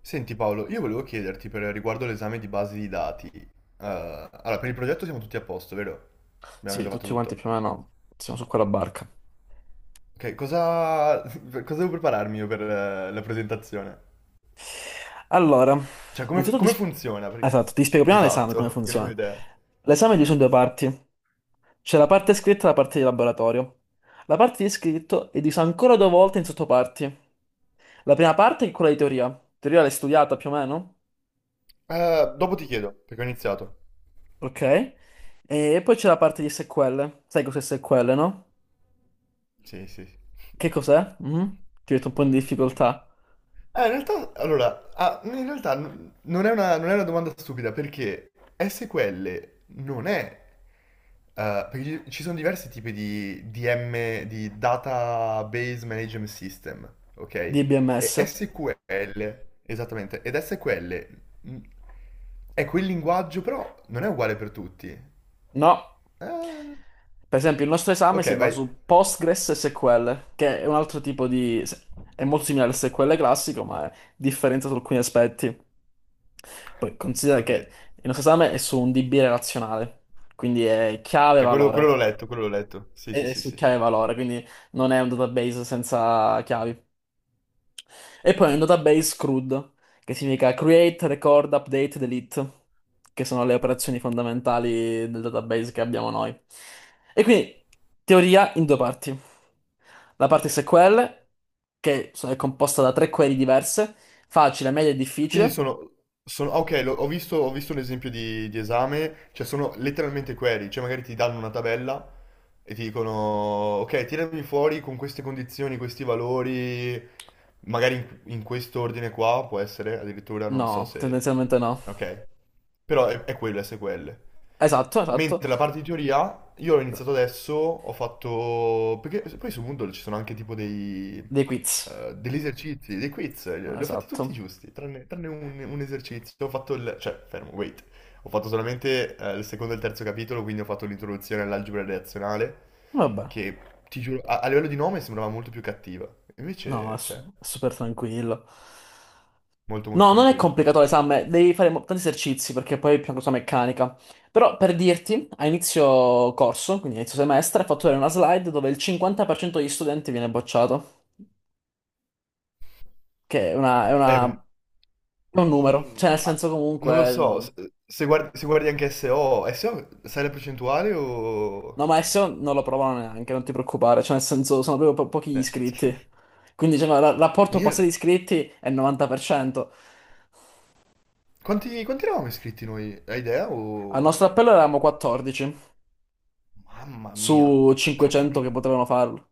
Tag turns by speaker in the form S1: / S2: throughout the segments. S1: Senti Paolo, io volevo chiederti per riguardo l'esame di base di dati. Allora, per il progetto siamo tutti a posto, vero? Abbiamo
S2: Sì,
S1: già fatto
S2: tutti quanti
S1: tutto.
S2: più o meno siamo su quella barca.
S1: Ok, cosa, cosa devo prepararmi io per la presentazione?
S2: Allora,
S1: Cioè, come,
S2: innanzitutto
S1: come funziona? Perché...
S2: esatto, ti spiego prima l'esame
S1: Esatto,
S2: come
S1: perché non ho
S2: funziona.
S1: idea.
S2: L'esame è diviso in due parti. C'è la parte scritta e la parte di laboratorio. La parte di scritto è divisa ancora due volte in sottoparti. La prima parte è quella di teoria. Teoria l'hai studiata più o meno,
S1: Dopo ti chiedo, perché ho iniziato.
S2: ok? E poi c'è la parte di SQL. Sai cos'è SQL, no?
S1: Sì, sì, sì.
S2: Che cos'è? Mhm. Ti ho detto un po' in difficoltà.
S1: In realtà, allora, in realtà non è una domanda stupida, perché SQL non è. Perché ci sono diversi tipi di DM, di Database Management System, ok? E
S2: DBMS.
S1: SQL, esattamente, ed SQL mh, è quel linguaggio, però non è uguale per tutti.
S2: No.
S1: Eh,
S2: Per esempio, il nostro esame
S1: ok,
S2: si basa
S1: vai,
S2: su Postgres e SQL, che è un altro tipo di. È molto simile al SQL classico, ma è differente su alcuni aspetti. Poi considera
S1: ok,
S2: che il nostro esame è su un DB relazionale, quindi è
S1: ok, quello,
S2: chiave-valore.
S1: quello l'ho letto, sì,
S2: È
S1: sì,
S2: è
S1: sì,
S2: su
S1: sì,
S2: chiave-valore, quindi non è un database senza chiavi. E poi un database CRUD, che significa Create, Record, Update, Delete, che sono le operazioni fondamentali del database che abbiamo noi. E quindi, teoria in due parti. La parte
S1: ok.
S2: SQL, è composta da tre query diverse, facile, media e
S1: Quindi
S2: difficile.
S1: ok, ho visto un esempio di esame, cioè sono letteralmente query, cioè magari ti danno una tabella e ti dicono, ok, tirami fuori con queste condizioni, questi valori, magari in questo ordine qua, può essere, addirittura, non so
S2: No,
S1: se...
S2: tendenzialmente no.
S1: Ok, però è quello, SQL.
S2: Esatto, esatto.
S1: Mentre la parte di teoria, io l'ho iniziato adesso, ho fatto... Perché poi su Moodle ci sono anche tipo dei,
S2: Dei quiz.
S1: degli esercizi, dei quiz, li ho fatti
S2: Esatto.
S1: tutti giusti, un esercizio. Ho fatto il... cioè, fermo, wait. Ho fatto solamente il secondo e il terzo capitolo, quindi ho fatto l'introduzione all'algebra relazionale,
S2: Vabbè.
S1: che ti giuro, a livello di nome sembrava molto più cattiva.
S2: No,
S1: Invece, cioè,
S2: è super tranquillo.
S1: molto molto
S2: No, non è
S1: tranquilla.
S2: complicato l'esame, devi fare tanti esercizi perché poi è più una cosa meccanica. Però per dirti, a inizio corso, quindi a inizio semestre, ho fatto vedere una slide dove il 50% degli studenti viene bocciato, che
S1: È un...
S2: è un numero,
S1: mm,
S2: cioè nel
S1: ah,
S2: senso
S1: non lo
S2: comunque.
S1: so, se guardi anche SO, sai la percentuale o...
S2: No, ma adesso non lo provano neanche, non ti preoccupare, cioè nel senso sono proprio pochi gli
S1: Cioè,
S2: iscritti. Quindi diciamo, il
S1: ma
S2: rapporto
S1: io-
S2: passati iscritti è il 90%.
S1: quanti eravamo iscritti noi? Hai idea
S2: Al
S1: o...
S2: nostro appello eravamo 14
S1: Mamma mia.
S2: su 500 che potevano farlo.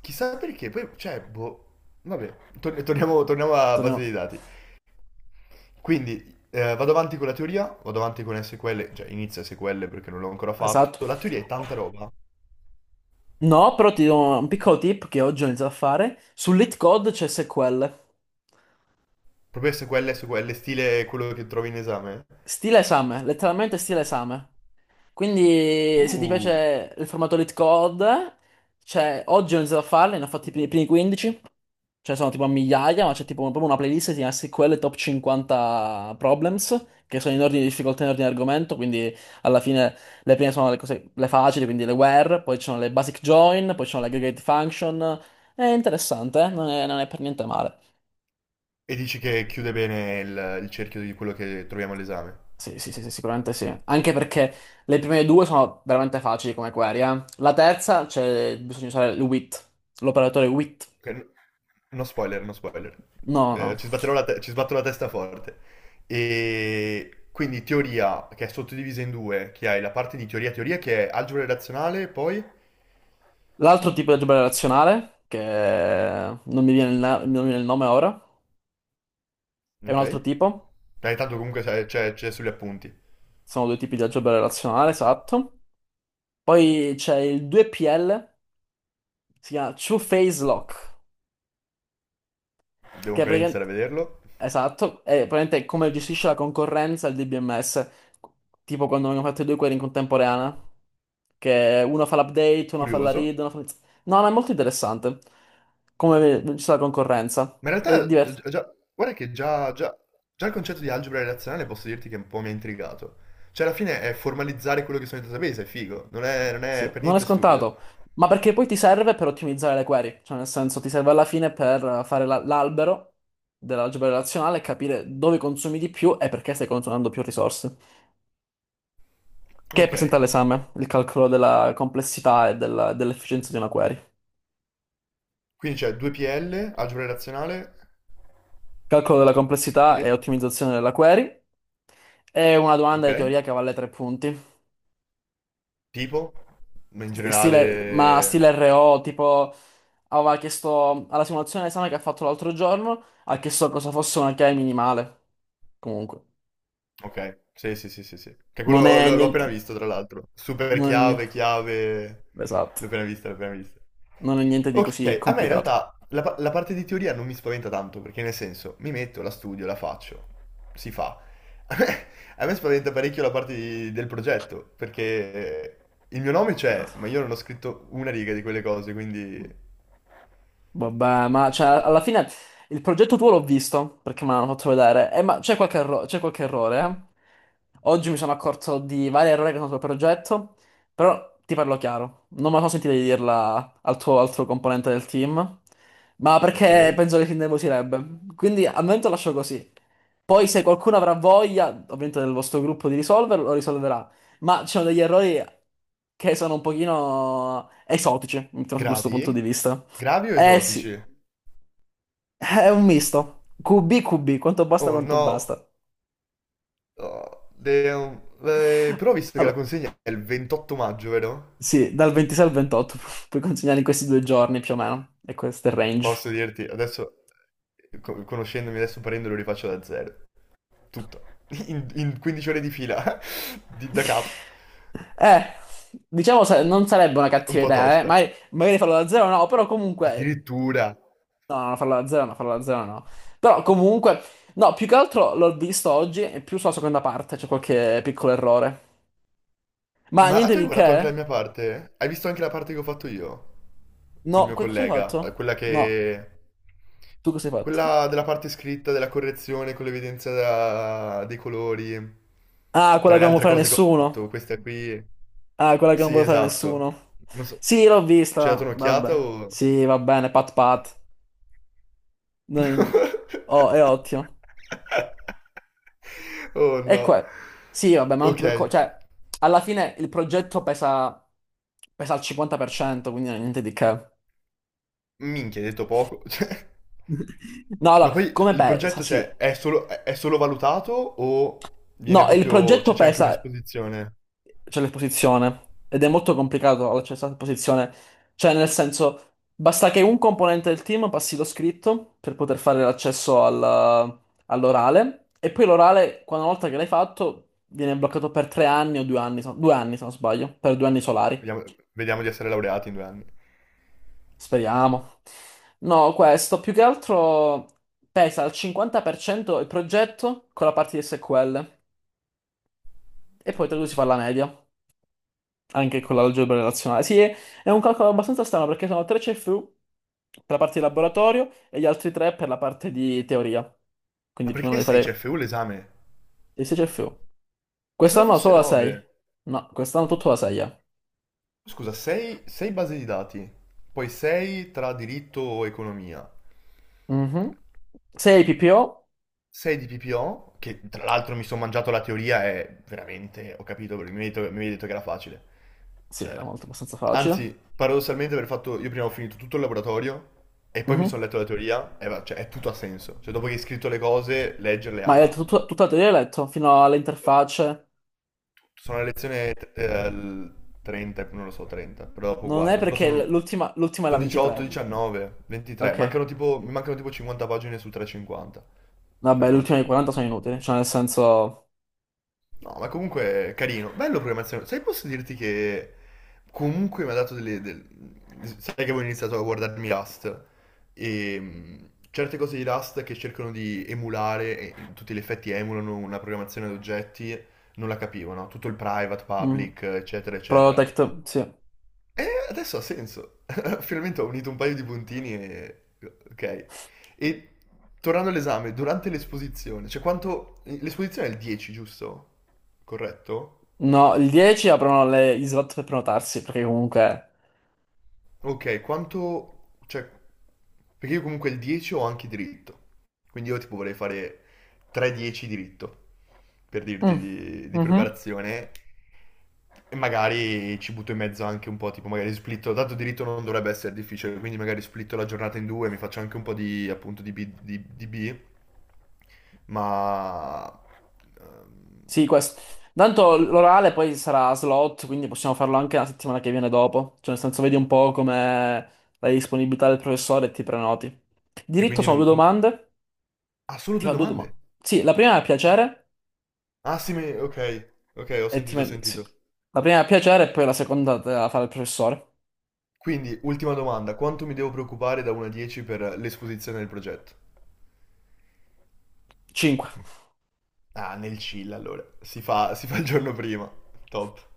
S1: Chissà perché, poi, cioè, boh, vabbè, torniamo alla base dei
S2: Torniamo-
S1: dati. Quindi, vado avanti con la teoria, vado avanti con SQL, cioè inizio SQL perché non l'ho ancora
S2: Esatto.
S1: fatto. La teoria è tanta roba,
S2: No, però ti do un piccolo tip che oggi ho iniziato a fare. Sull'Hit Code c'è SQL.
S1: proprio SQL, stile quello che trovi in esame.
S2: Stile esame, letteralmente stile esame. Quindi se ti
S1: Uh,
S2: piace il formato Lit Code, oggi ho iniziato a farli, ne ho fatti i primi 15. Cioè sono tipo a migliaia, ma c'è tipo proprio una playlist che si chiama SQL Top 50 Problems, che sono in ordine di difficoltà, in ordine di argomento, quindi alla fine le prime sono le cose, le facili, quindi le where, poi ci sono le basic join, poi ci sono le aggregate function. È interessante, eh? Non è per niente male.
S1: e dici che chiude bene il cerchio di quello che troviamo all'esame.
S2: Sì, sì, sì, sì, sicuramente sì. Anche perché le prime due sono veramente facili come query, eh. La terza, c'è bisogna usare il with, l'operatore with.
S1: Ok, no spoiler, no spoiler.
S2: No, no, no.
S1: Ci sbatto la testa forte. E quindi teoria, che è sottodivisa in due, che hai la parte di teoria teoria, che è algebra relazionale, poi...
S2: L'altro tipo di algebra relazionale, che non mi viene il nome ora, è un
S1: Ok?
S2: altro tipo.
S1: Dai, tanto comunque c'è sugli appunti.
S2: Sono due tipi di algebra relazionale, esatto. Poi c'è il 2PL, si chiama Two Phase Lock,
S1: Devo
S2: che è
S1: ancora iniziare a
S2: praticamente.
S1: vederlo.
S2: Esatto, è praticamente come gestisce la concorrenza il DBMS, tipo quando abbiamo fatto i due query in contemporanea, che uno fa l'update, uno fa la
S1: Curioso.
S2: read, uno fa. No, no, è molto interessante come gestisce la concorrenza,
S1: Ma in
S2: è
S1: realtà,
S2: divertente.
S1: guarda che già il concetto di algebra relazionale posso dirti che un po' mi ha intrigato. Cioè, alla fine è formalizzare quello che sono i database, è figo. Non è
S2: Sì,
S1: per
S2: non è
S1: niente stupido.
S2: scontato, ma perché poi ti serve per ottimizzare le query, cioè nel senso ti serve alla fine per fare l'albero dell'algebra relazionale e capire dove consumi di più e perché stai consumando più risorse, che è presente
S1: Ok,
S2: all'esame, il calcolo della complessità e dell'efficienza di una query.
S1: quindi c'è 2PL, algebra razionale
S2: Calcolo della complessità
S1: e...
S2: e ottimizzazione della query è una domanda
S1: Ok?
S2: di teoria che vale 3 punti.
S1: Tipo? Ma in
S2: Stile, ma
S1: generale...
S2: stile RO, tipo, aveva chiesto alla simulazione d'esame che ha fatto l'altro giorno, ha chiesto cosa fosse una chiave minimale. Comunque,
S1: Ok, sì, sì, sì, sì, sì. Che
S2: non
S1: quello
S2: è
S1: l'ho appena
S2: niente,
S1: visto, tra l'altro. Super
S2: non è
S1: chiave,
S2: niente,
S1: chiave...
S2: esatto,
S1: L'ho appena vista, l'ho appena vista.
S2: non è niente di così
S1: Ok, a me in
S2: complicato.
S1: realtà la parte di teoria non mi spaventa tanto, perché nel senso, mi metto, la studio, la faccio, si fa. A me, a me spaventa parecchio la parte del progetto, perché il mio nome c'è, ma io non ho scritto una riga di quelle cose, quindi...
S2: Vabbè, ma cioè, alla fine il progetto tuo l'ho visto perché me l'hanno fatto vedere. Ma c'è qualche errore, eh? Oggi mi sono accorto di vari errori che sono sul progetto, però ti parlo chiaro. Non me la sono sentita di dirla al tuo altro componente del team, ma perché
S1: Ok?
S2: penso che si innervosirebbe. Quindi al momento lascio così. Poi se qualcuno avrà voglia, ovviamente del vostro gruppo, di risolverlo, lo risolverà. Ma ci sono degli errori che sono un pochino esotici, mettiamo da questo
S1: Gravi?
S2: punto di vista.
S1: Gravi o
S2: Eh
S1: esotici?
S2: sì. È un misto. QB, QB, quanto basta,
S1: Oh
S2: quanto
S1: no,
S2: basta.
S1: Oh, de- um, però ho visto che la
S2: Vabbè,
S1: consegna è il 28 maggio, vero?
S2: sì, dal 26 al 28 puoi consegnare in questi 2 giorni più o meno. E questo è il range.
S1: Posso dirti, adesso, conoscendomi adesso parendolo rifaccio da zero, tutto, in 15 ore di fila, da capo,
S2: Eh, diciamo non sarebbe una
S1: un
S2: cattiva
S1: po'
S2: idea, eh.
S1: tosta.
S2: Magari farlo da zero no, però comunque.
S1: Addirittura,
S2: No, no, farlo da zero no, farlo da zero no. Però comunque. No, più che altro l'ho visto oggi e più sulla seconda parte c'è qualche piccolo errore. Ma niente
S1: Tu hai
S2: di
S1: guardato anche la
S2: che?
S1: mia parte? Hai visto anche la parte che ho fatto io?
S2: No,
S1: Col mio
S2: cosa hai fatto?
S1: collega? Quella
S2: No,
S1: che...
S2: tu cosa hai fatto?
S1: Quella della parte scritta, della correzione con l'evidenza dei colori.
S2: Ah, quella
S1: Tra
S2: che
S1: le
S2: non vuole
S1: altre
S2: fare
S1: cose che ho
S2: nessuno.
S1: fatto, questa qui...
S2: Ah, quella che non
S1: Sì,
S2: vuole fare
S1: esatto.
S2: nessuno.
S1: Non so...
S2: Sì, l'ho
S1: Ci hai dato
S2: vista.
S1: un'occhiata
S2: Vabbè.
S1: o...
S2: Sì, va bene, pat pat. Non- Oh, è ottimo.
S1: Oh
S2: E
S1: no.
S2: qua. Sì, vabbè, ma non ti
S1: Ok.
S2: preoccupare. Cioè, alla fine il progetto pesa, al 50%, quindi niente di che.
S1: Minchia, hai detto poco. Cioè,
S2: No, no,
S1: ma poi
S2: come
S1: il
S2: pesa?
S1: progetto,
S2: Sì.
S1: cioè, è solo valutato o viene
S2: No, il
S1: proprio,
S2: progetto
S1: cioè, c'è anche
S2: pesa,
S1: un'esposizione?
S2: c'è l'esposizione ed è molto complicato l'accesso all'esposizione. Cioè, nel senso, basta che un componente del team passi lo scritto per poter fare l'accesso all'orale e poi l'orale, quando una volta che l'hai fatto, viene bloccato per 3 anni o 2 anni, no, 2 anni se non sbaglio, per 2 anni solari.
S1: Vediamo, vediamo di essere laureati in 2 anni.
S2: Speriamo. No, questo più che altro pesa al 50% il progetto con la parte di SQL e poi tra i due si fa la media. Anche con l'algebra relazionale. Sì, è un calcolo abbastanza strano perché sono 3 CFU per la parte di laboratorio e gli altri tre per la parte di teoria.
S1: Ma
S2: Quindi più o meno
S1: perché
S2: devi
S1: 6
S2: fare
S1: CFU l'esame?
S2: i 6 CFU.
S1: Pensavo
S2: Quest'anno
S1: fosse
S2: solo la
S1: 9.
S2: 6. No, quest'anno tutto la 6.
S1: Scusa, 6, base di dati, poi 6 tra diritto o economia.
S2: Mhm. 6 PPO.
S1: 6 di PPO, che tra l'altro mi sono mangiato la teoria e veramente ho capito, perché mi avevi detto che era facile.
S2: Sì, era
S1: Cioè,
S2: molto abbastanza facile.
S1: anzi, paradossalmente aver fatto, io prima ho finito tutto il laboratorio e poi mi
S2: Mhm.
S1: sono letto la teoria e cioè, è tutto ha senso. Cioè, dopo che hai scritto le cose, leggerle
S2: Ma hai
S1: ha...
S2: letto tutta la teoria, hai letto fino alle interfacce.
S1: Sono a lezione 30, non lo so, 30, però dopo
S2: Non è
S1: guardo. Però
S2: perché l'ultima è la
S1: sono 18,
S2: 23.
S1: 19, 23,
S2: Ok.
S1: mi mancano tipo 50 pagine su 350, fai
S2: Vabbè, le
S1: conto.
S2: ultime 40 sono inutili, cioè nel senso.
S1: No, ma comunque carino, bello programmazione. Sai, posso dirti che comunque mi ha dato delle... Sai che avevo iniziato a guardarmi Rust e certe cose di Rust che cercano di emulare, e in tutti gli effetti emulano una programmazione ad oggetti, non la capivo, no? Tutto il private,
S2: Mm.
S1: public, eccetera, eccetera.
S2: Protect, sì.
S1: E adesso ha senso. Finalmente ho unito un paio di puntini e... Ok. E tornando all'esame, durante l'esposizione, cioè quanto... L'esposizione è il 10, giusto? Corretto?
S2: No, il 10 aprono gli slot per prenotarsi, perché comunque.
S1: Ok, quanto... cioè, perché io comunque il 10 ho anche diritto. Quindi io tipo vorrei fare 3-10 diritto, per dirti
S2: Mm,
S1: di
S2: mhm.
S1: preparazione. E magari ci butto in mezzo anche un po', tipo magari splitto, dato diritto non dovrebbe essere difficile, quindi magari splitto la giornata in due, mi faccio anche un po' di appunto di B, di B, ma... ehm,
S2: Sì, questo. Tanto l'orale poi sarà a slot, quindi possiamo farlo anche la settimana che viene dopo. Cioè, nel senso, vedi un po' come la disponibilità del professore e ti prenoti.
S1: E
S2: Diritto
S1: quindi
S2: sono due
S1: non...
S2: domande.
S1: Ah, solo
S2: Ti
S1: due
S2: fa due domande.
S1: domande?
S2: Sì, la prima è a piacere
S1: Ah sì, ok, ok, ho
S2: e
S1: sentito, ho
S2: sì.
S1: sentito.
S2: La prima è a piacere e poi la seconda te la fa il professore.
S1: Quindi, ultima domanda, quanto mi devo preoccupare da 1 a 10 per l'esposizione del progetto?
S2: 5.
S1: Ah, nel chill allora, si fa il giorno prima, top.